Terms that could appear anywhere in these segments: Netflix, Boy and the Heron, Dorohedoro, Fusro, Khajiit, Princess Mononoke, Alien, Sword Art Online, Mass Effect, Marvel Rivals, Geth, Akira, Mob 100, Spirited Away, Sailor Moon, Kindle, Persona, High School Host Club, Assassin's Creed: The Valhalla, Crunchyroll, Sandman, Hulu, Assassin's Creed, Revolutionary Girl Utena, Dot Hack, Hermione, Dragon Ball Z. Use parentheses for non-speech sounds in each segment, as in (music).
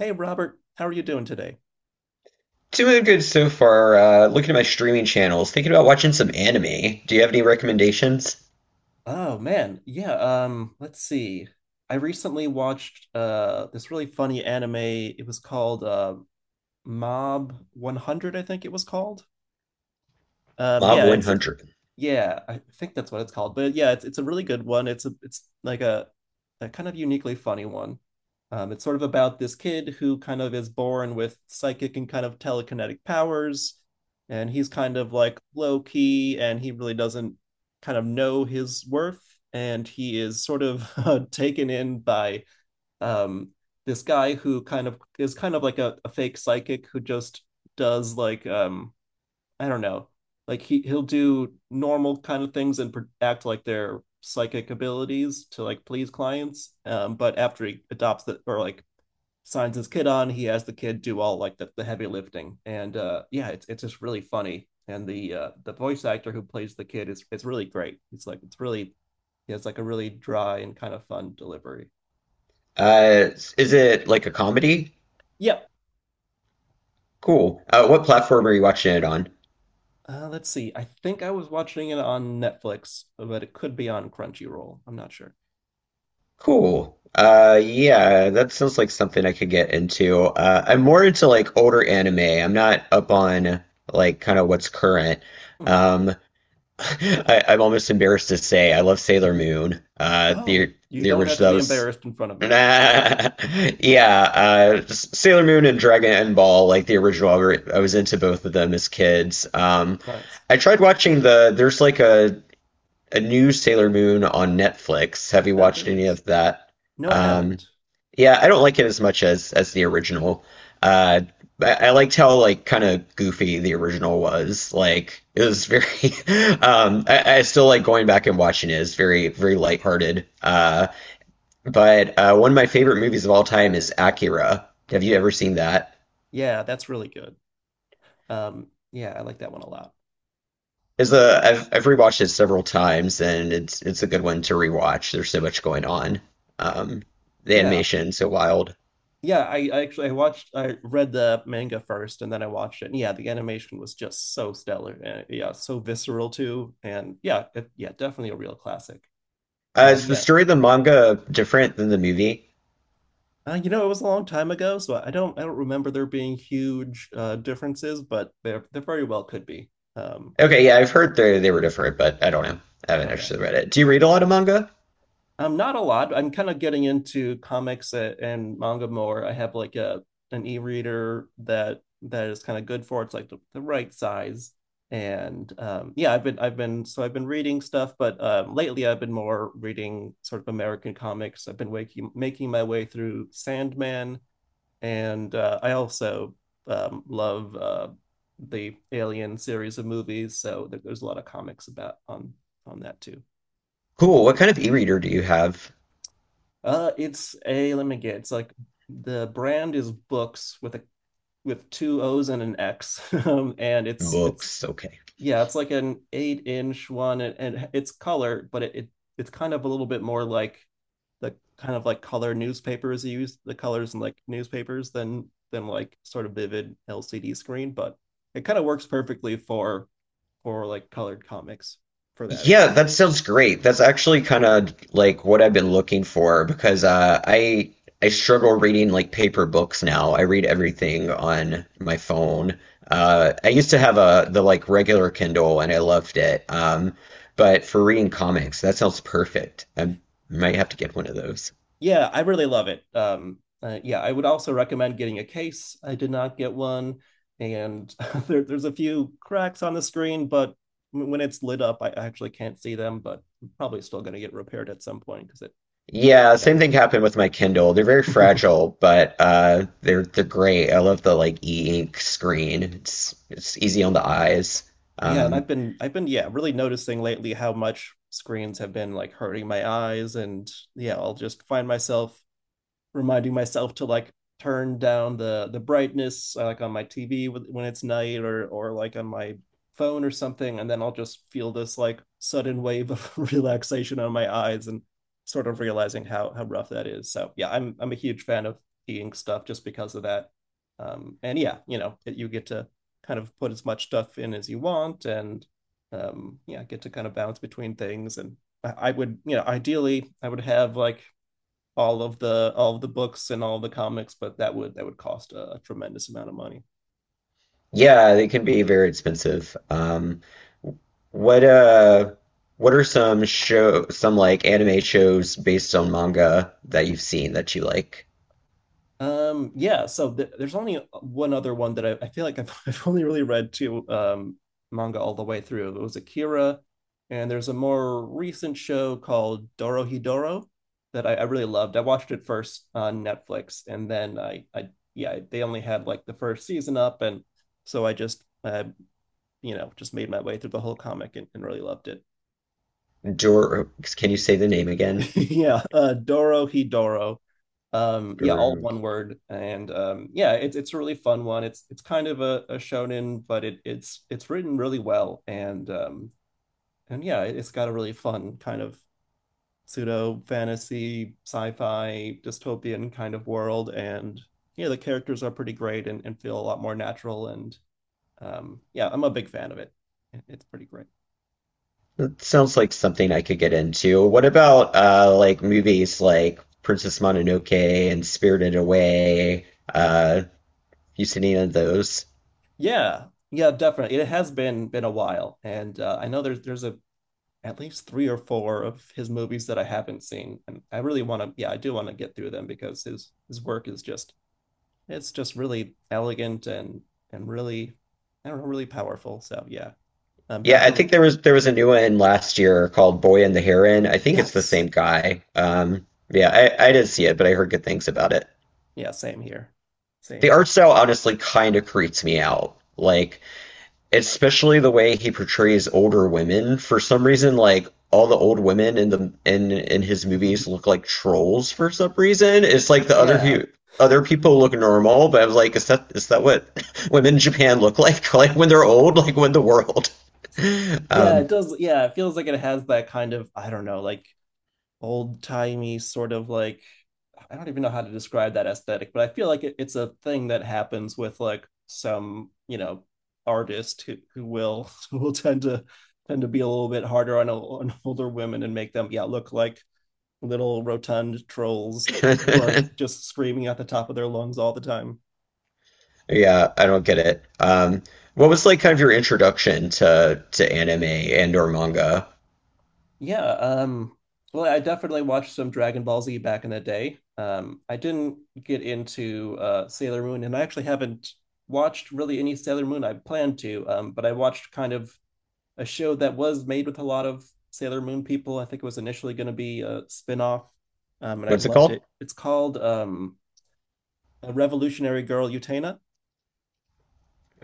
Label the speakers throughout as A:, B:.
A: Hey Robert, how are you doing today?
B: Doing good so far. Looking at my streaming channels, thinking about watching some anime. Do you have any recommendations?
A: Oh man, yeah, let's see. I recently watched this really funny anime. It was called Mob 100, I think it was called. Um,
B: Mob
A: yeah, it's
B: 100.
A: yeah, I think that's what it's called. But yeah, it's a really good one. It's like a kind of uniquely funny one. It's sort of about this kid who kind of is born with psychic and kind of telekinetic powers, and he's kind of like low key, and he really doesn't kind of know his worth, and he is sort of (laughs) taken in by um this guy who kind of is like a fake psychic who just does like I don't know. Like he'll do normal kind of things and act like they're psychic abilities to like please clients. But after he adopts the or like signs his kid on, he has the kid do all like the heavy lifting. And yeah, it's just really funny. And the voice actor who plays the kid is it's really great. It's really he has like a really dry and kind of fun delivery.
B: Uh, is it like a comedy?
A: Yep.
B: Cool. What platform are you watching it on?
A: Let's see. I think I was watching it on Netflix, but it could be on Crunchyroll. I'm not sure.
B: Cool. Yeah, that sounds like something I could get into. I'm more into like older anime. I'm not up on like kind of what's current.
A: Mhm.
B: Um, I'm almost embarrassed to say I love Sailor
A: (laughs)
B: Moon.
A: Oh,
B: The
A: you
B: the
A: don't have to
B: original, that
A: be
B: was,
A: embarrassed in front of
B: (laughs)
A: me.
B: yeah, just Sailor Moon and Dragon Ball, like the original. I was into both of them as kids.
A: Nice.
B: I tried watching the. There's like a new Sailor Moon on Netflix. Have you
A: Oh,
B: watched
A: there
B: any
A: is.
B: of that?
A: No, I
B: Um,
A: haven't.
B: yeah, I don't like it as much as the original. Uh, I liked how like kind of goofy the original was. Like it was very. (laughs) I still like going back and watching it. It's very lighthearted. But one of my favorite movies of all time is Akira. Have you ever seen that?
A: Yeah, that's really good. Yeah, I like that one a lot.
B: Is a I've rewatched it several times and it's a good one to rewatch. There's so much going on. Um, the
A: Yeah.
B: animation's so wild.
A: Yeah, I actually I read the manga first and then I watched it. And yeah, the animation was just so stellar and yeah, so visceral too. And yeah, definitely a real classic. Um,
B: Is the
A: yeah.
B: story of the manga different than the movie?
A: You know, it was a long time ago, so I don't remember there being huge differences, but there very well could be. Um,
B: Okay, yeah, I've heard they were different, but I don't know. I haven't
A: okay.
B: actually read it. Do you read a lot of manga?
A: Not a lot. I'm kind of getting into comics and manga more. I have like a an e-reader that is kind of good for it. It's like the right size. And yeah, I've been reading stuff, but lately I've been more reading sort of American comics. I've been waking making my way through Sandman, and I also love the Alien series of movies. So there's a lot of comics about on that too.
B: Cool. What kind of e-reader do you have?
A: It's a Let me get. It's like the brand is books with two O's and an X, (laughs) and it's
B: Books. Okay.
A: yeah, it's like an eight inch one, and it's color, but it's kind of a little bit more like the kind of like color newspapers use the colors in like newspapers than like sort of vivid LCD screen, but it kind of works perfectly for like colored comics for that at
B: Yeah,
A: least.
B: that sounds great. That's actually kind of like what I've been looking for because I struggle reading like paper books now. I read everything on my phone. I used to have a the like regular Kindle and I loved it. But for reading comics, that sounds perfect. I might have to get one of those.
A: Yeah, I really love it. Yeah, I would also recommend getting a case. I did not get one, and (laughs) there's a few cracks on the screen, but when it's lit up, I actually can't see them. But I'm probably still going to get repaired at some point because
B: Yeah,
A: yeah.
B: same thing happened with my Kindle. They're very
A: (laughs)
B: fragile, but they're great. I love the like e-ink screen. It's easy on the eyes.
A: Yeah. And
B: Um,
A: yeah, really noticing lately how much screens have been like hurting my eyes, and yeah, I'll just find myself reminding myself to like turn down the brightness like on my TV when it's night or like on my phone or something and then I'll just feel this like sudden wave of (laughs) relaxation on my eyes and sort of realizing how rough that is. So yeah, I'm a huge fan of e-ink stuff just because of that. And yeah, you know, it, you get to kind of put as much stuff in as you want and yeah, get to kind of bounce between things and I would, you know, ideally I would have like all of the books and all the comics, but that would cost a tremendous amount of money.
B: Yeah, they can be very expensive. What uh, what are some like anime shows based on manga that you've seen that you like?
A: Yeah, so there's only one other one that I feel like I've, (laughs) I've only really read two manga all the way through. It was Akira, and there's a more recent show called Dorohedoro that I really loved. I watched it first on Netflix, and then I yeah, they only had like the first season up, and so I just you know just made my way through the whole comic and really loved it.
B: Dor, can you say the name again?
A: (laughs) Yeah, Doro Hidoro. Yeah, all
B: Dor,
A: one word, and yeah, it's a really fun one. It's kind of a shonen, but it's written really well, and yeah, it's got a really fun kind of pseudo fantasy, sci-fi, dystopian kind of world, and yeah, the characters are pretty great and, feel a lot more natural, and yeah, I'm a big fan of it. It's pretty great.
B: it sounds like something I could get into. What about like movies like Princess Mononoke and Spirited Away? Uh, you seen any of those?
A: Yeah, yeah, definitely. It has been a while, and I know there's a at least three or four of his movies that I haven't seen, and I really want to. Yeah, I do want to get through them because his work is just it's just really elegant and really I don't know really powerful. So yeah, I'm
B: Yeah, I think
A: definitely
B: there was a new one last year called Boy and the Heron. I think it's the same
A: yes,
B: guy. Yeah, I didn't see it, but I heard good things about it.
A: yeah, same here, same
B: The art
A: here.
B: style honestly kind of creeps me out. Like, especially the way he portrays older women. For some reason, like all the old women in the in his movies
A: (laughs)
B: look like trolls for some reason. It's like
A: Yeah,
B: other people look normal, but I was like, is that what (laughs) women in Japan look like? (laughs) Like when they're old, like when the world. (laughs)
A: yeah,
B: Um,
A: it does. Yeah, it feels like it has that kind of I don't know like old timey sort of like I don't even know how to describe that aesthetic, but I feel like it's a thing that happens with like some, you know, artist who will (laughs) who will tend to be a little bit harder on, older women and make them yeah look like little rotund trolls (laughs) who are
B: (laughs)
A: just screaming at the top of their lungs all the time.
B: yeah, I don't get it. What was like kind of your introduction to anime and or manga?
A: Yeah, well I definitely watched some Dragon Ball Z back in the day. I didn't get into Sailor Moon and I actually haven't watched really any Sailor Moon I planned to, but I watched kind of a show that was made with a lot of Sailor Moon people. I think it was initially going to be a spinoff, and I
B: What's it
A: loved
B: called?
A: it. It's called a Revolutionary Girl Utena.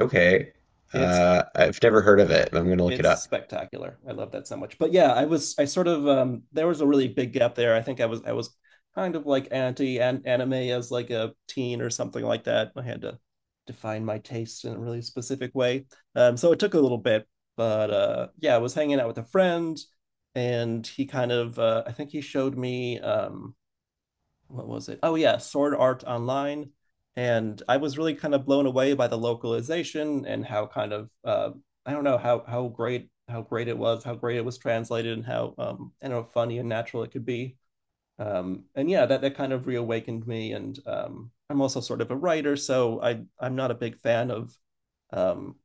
B: Okay.
A: It's
B: I've never heard of it. I'm gonna look it
A: it's
B: up.
A: spectacular. I love that so much. But yeah, I was I sort of there was a really big gap there. I think I was kind of like anti anime as like a teen or something like that. I had to define my taste in a really specific way. So it took a little bit, but yeah, I was hanging out with a friend and he kind of I think he showed me what was it? Oh yeah, Sword Art Online, and I was really kind of blown away by the localization and how kind of I don't know, how great, how great it was translated, and how I don't know funny and natural it could be. And yeah, that kind of reawakened me. And I'm also sort of a writer, so I'm not a big fan of um,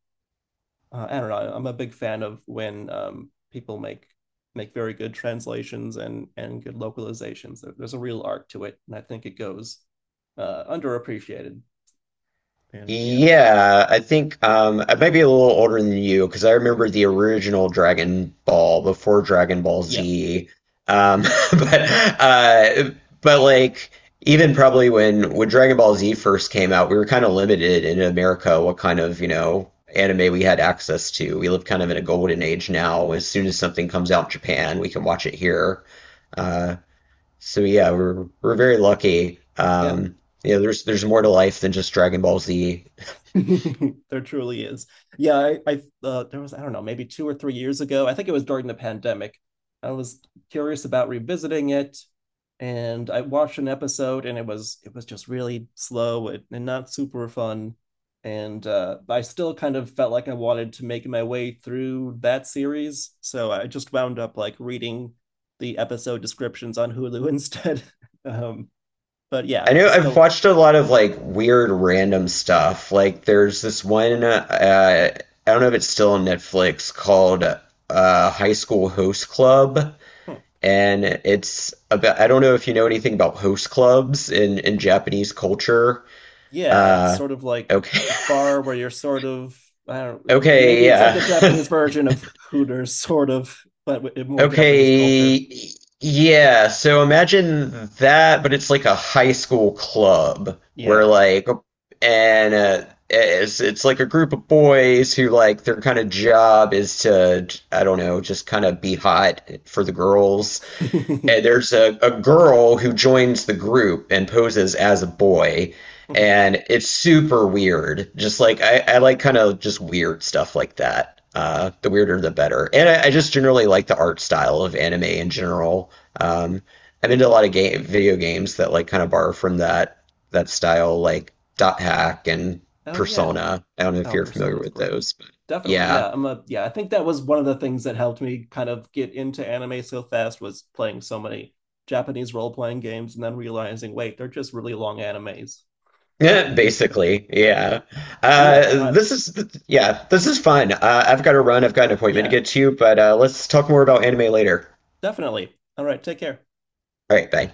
A: I don't know. I'm a big fan of when people make very good translations and good localizations. There's a real art to it, and I think it goes underappreciated. And yeah,
B: Yeah, I think I might be a little older than you because I remember the original Dragon Ball before Dragon Ball
A: yeah,
B: Z. Um, (laughs) but uh, but even probably when Dragon Ball Z first came out, we were kind of limited in America what kind of you know anime we had access to. We live kind of in a golden age now. As soon as something comes out in Japan, we can watch it here. Uh, so yeah, we're very lucky.
A: yeah.
B: You know, there's more to life than just Dragon Ball Z.
A: (laughs) There truly is. Yeah, I there was I don't know maybe 2 or 3 years ago. I think it was during the pandemic. I was curious about revisiting it, and I watched an episode, and it was just really slow and, not super fun. And I still kind of felt like I wanted to make my way through that series, so I just wound up like reading the episode descriptions on Hulu instead. (laughs) Um, but yeah,
B: I know
A: it's
B: I've
A: still
B: watched a lot of like weird random stuff. Like there's this one. I don't know if it's still on Netflix called High School Host Club, and it's about I don't know if you know anything about host clubs in Japanese culture.
A: yeah, it's
B: Uh,
A: sort of like
B: okay,
A: a bar where you're sort of I don't know, maybe
B: (laughs) okay,
A: it's like
B: yeah.
A: a Japanese
B: (laughs)
A: version of Hooters, sort of, but in more Japanese culture.
B: Okay, yeah. So imagine that, but it's like a high school club where
A: Yeah.
B: like, and it's like a group of boys who like their kind of job is to, I don't know, just kind of be hot for the girls. And
A: (laughs)
B: there's a girl who joins the group and poses as a boy. And it's super weird. Just like I like kind of just weird stuff like that. The weirder, the better. And I just generally like the art style of anime in general. Um, I'm into a lot of game video games that like kind of borrow from that style, like Dot Hack and
A: Oh yeah.
B: Persona. I don't know if
A: Oh,
B: you're familiar
A: Persona's
B: with
A: great.
B: those, but
A: Definitely.
B: yeah.
A: Yeah. I'm a Yeah, I think that was one of the things that helped me kind of get into anime so fast was playing so many Japanese role-playing games and then realizing, wait, they're just really long animes.
B: (laughs) Yeah,
A: (laughs)
B: basically, yeah.
A: and yeah, not
B: This is yeah, this is fun. I've got to run. I've got an appointment to
A: Yeah,
B: get to, but let's talk more about anime later.
A: definitely. All right, take care.
B: All right, bye.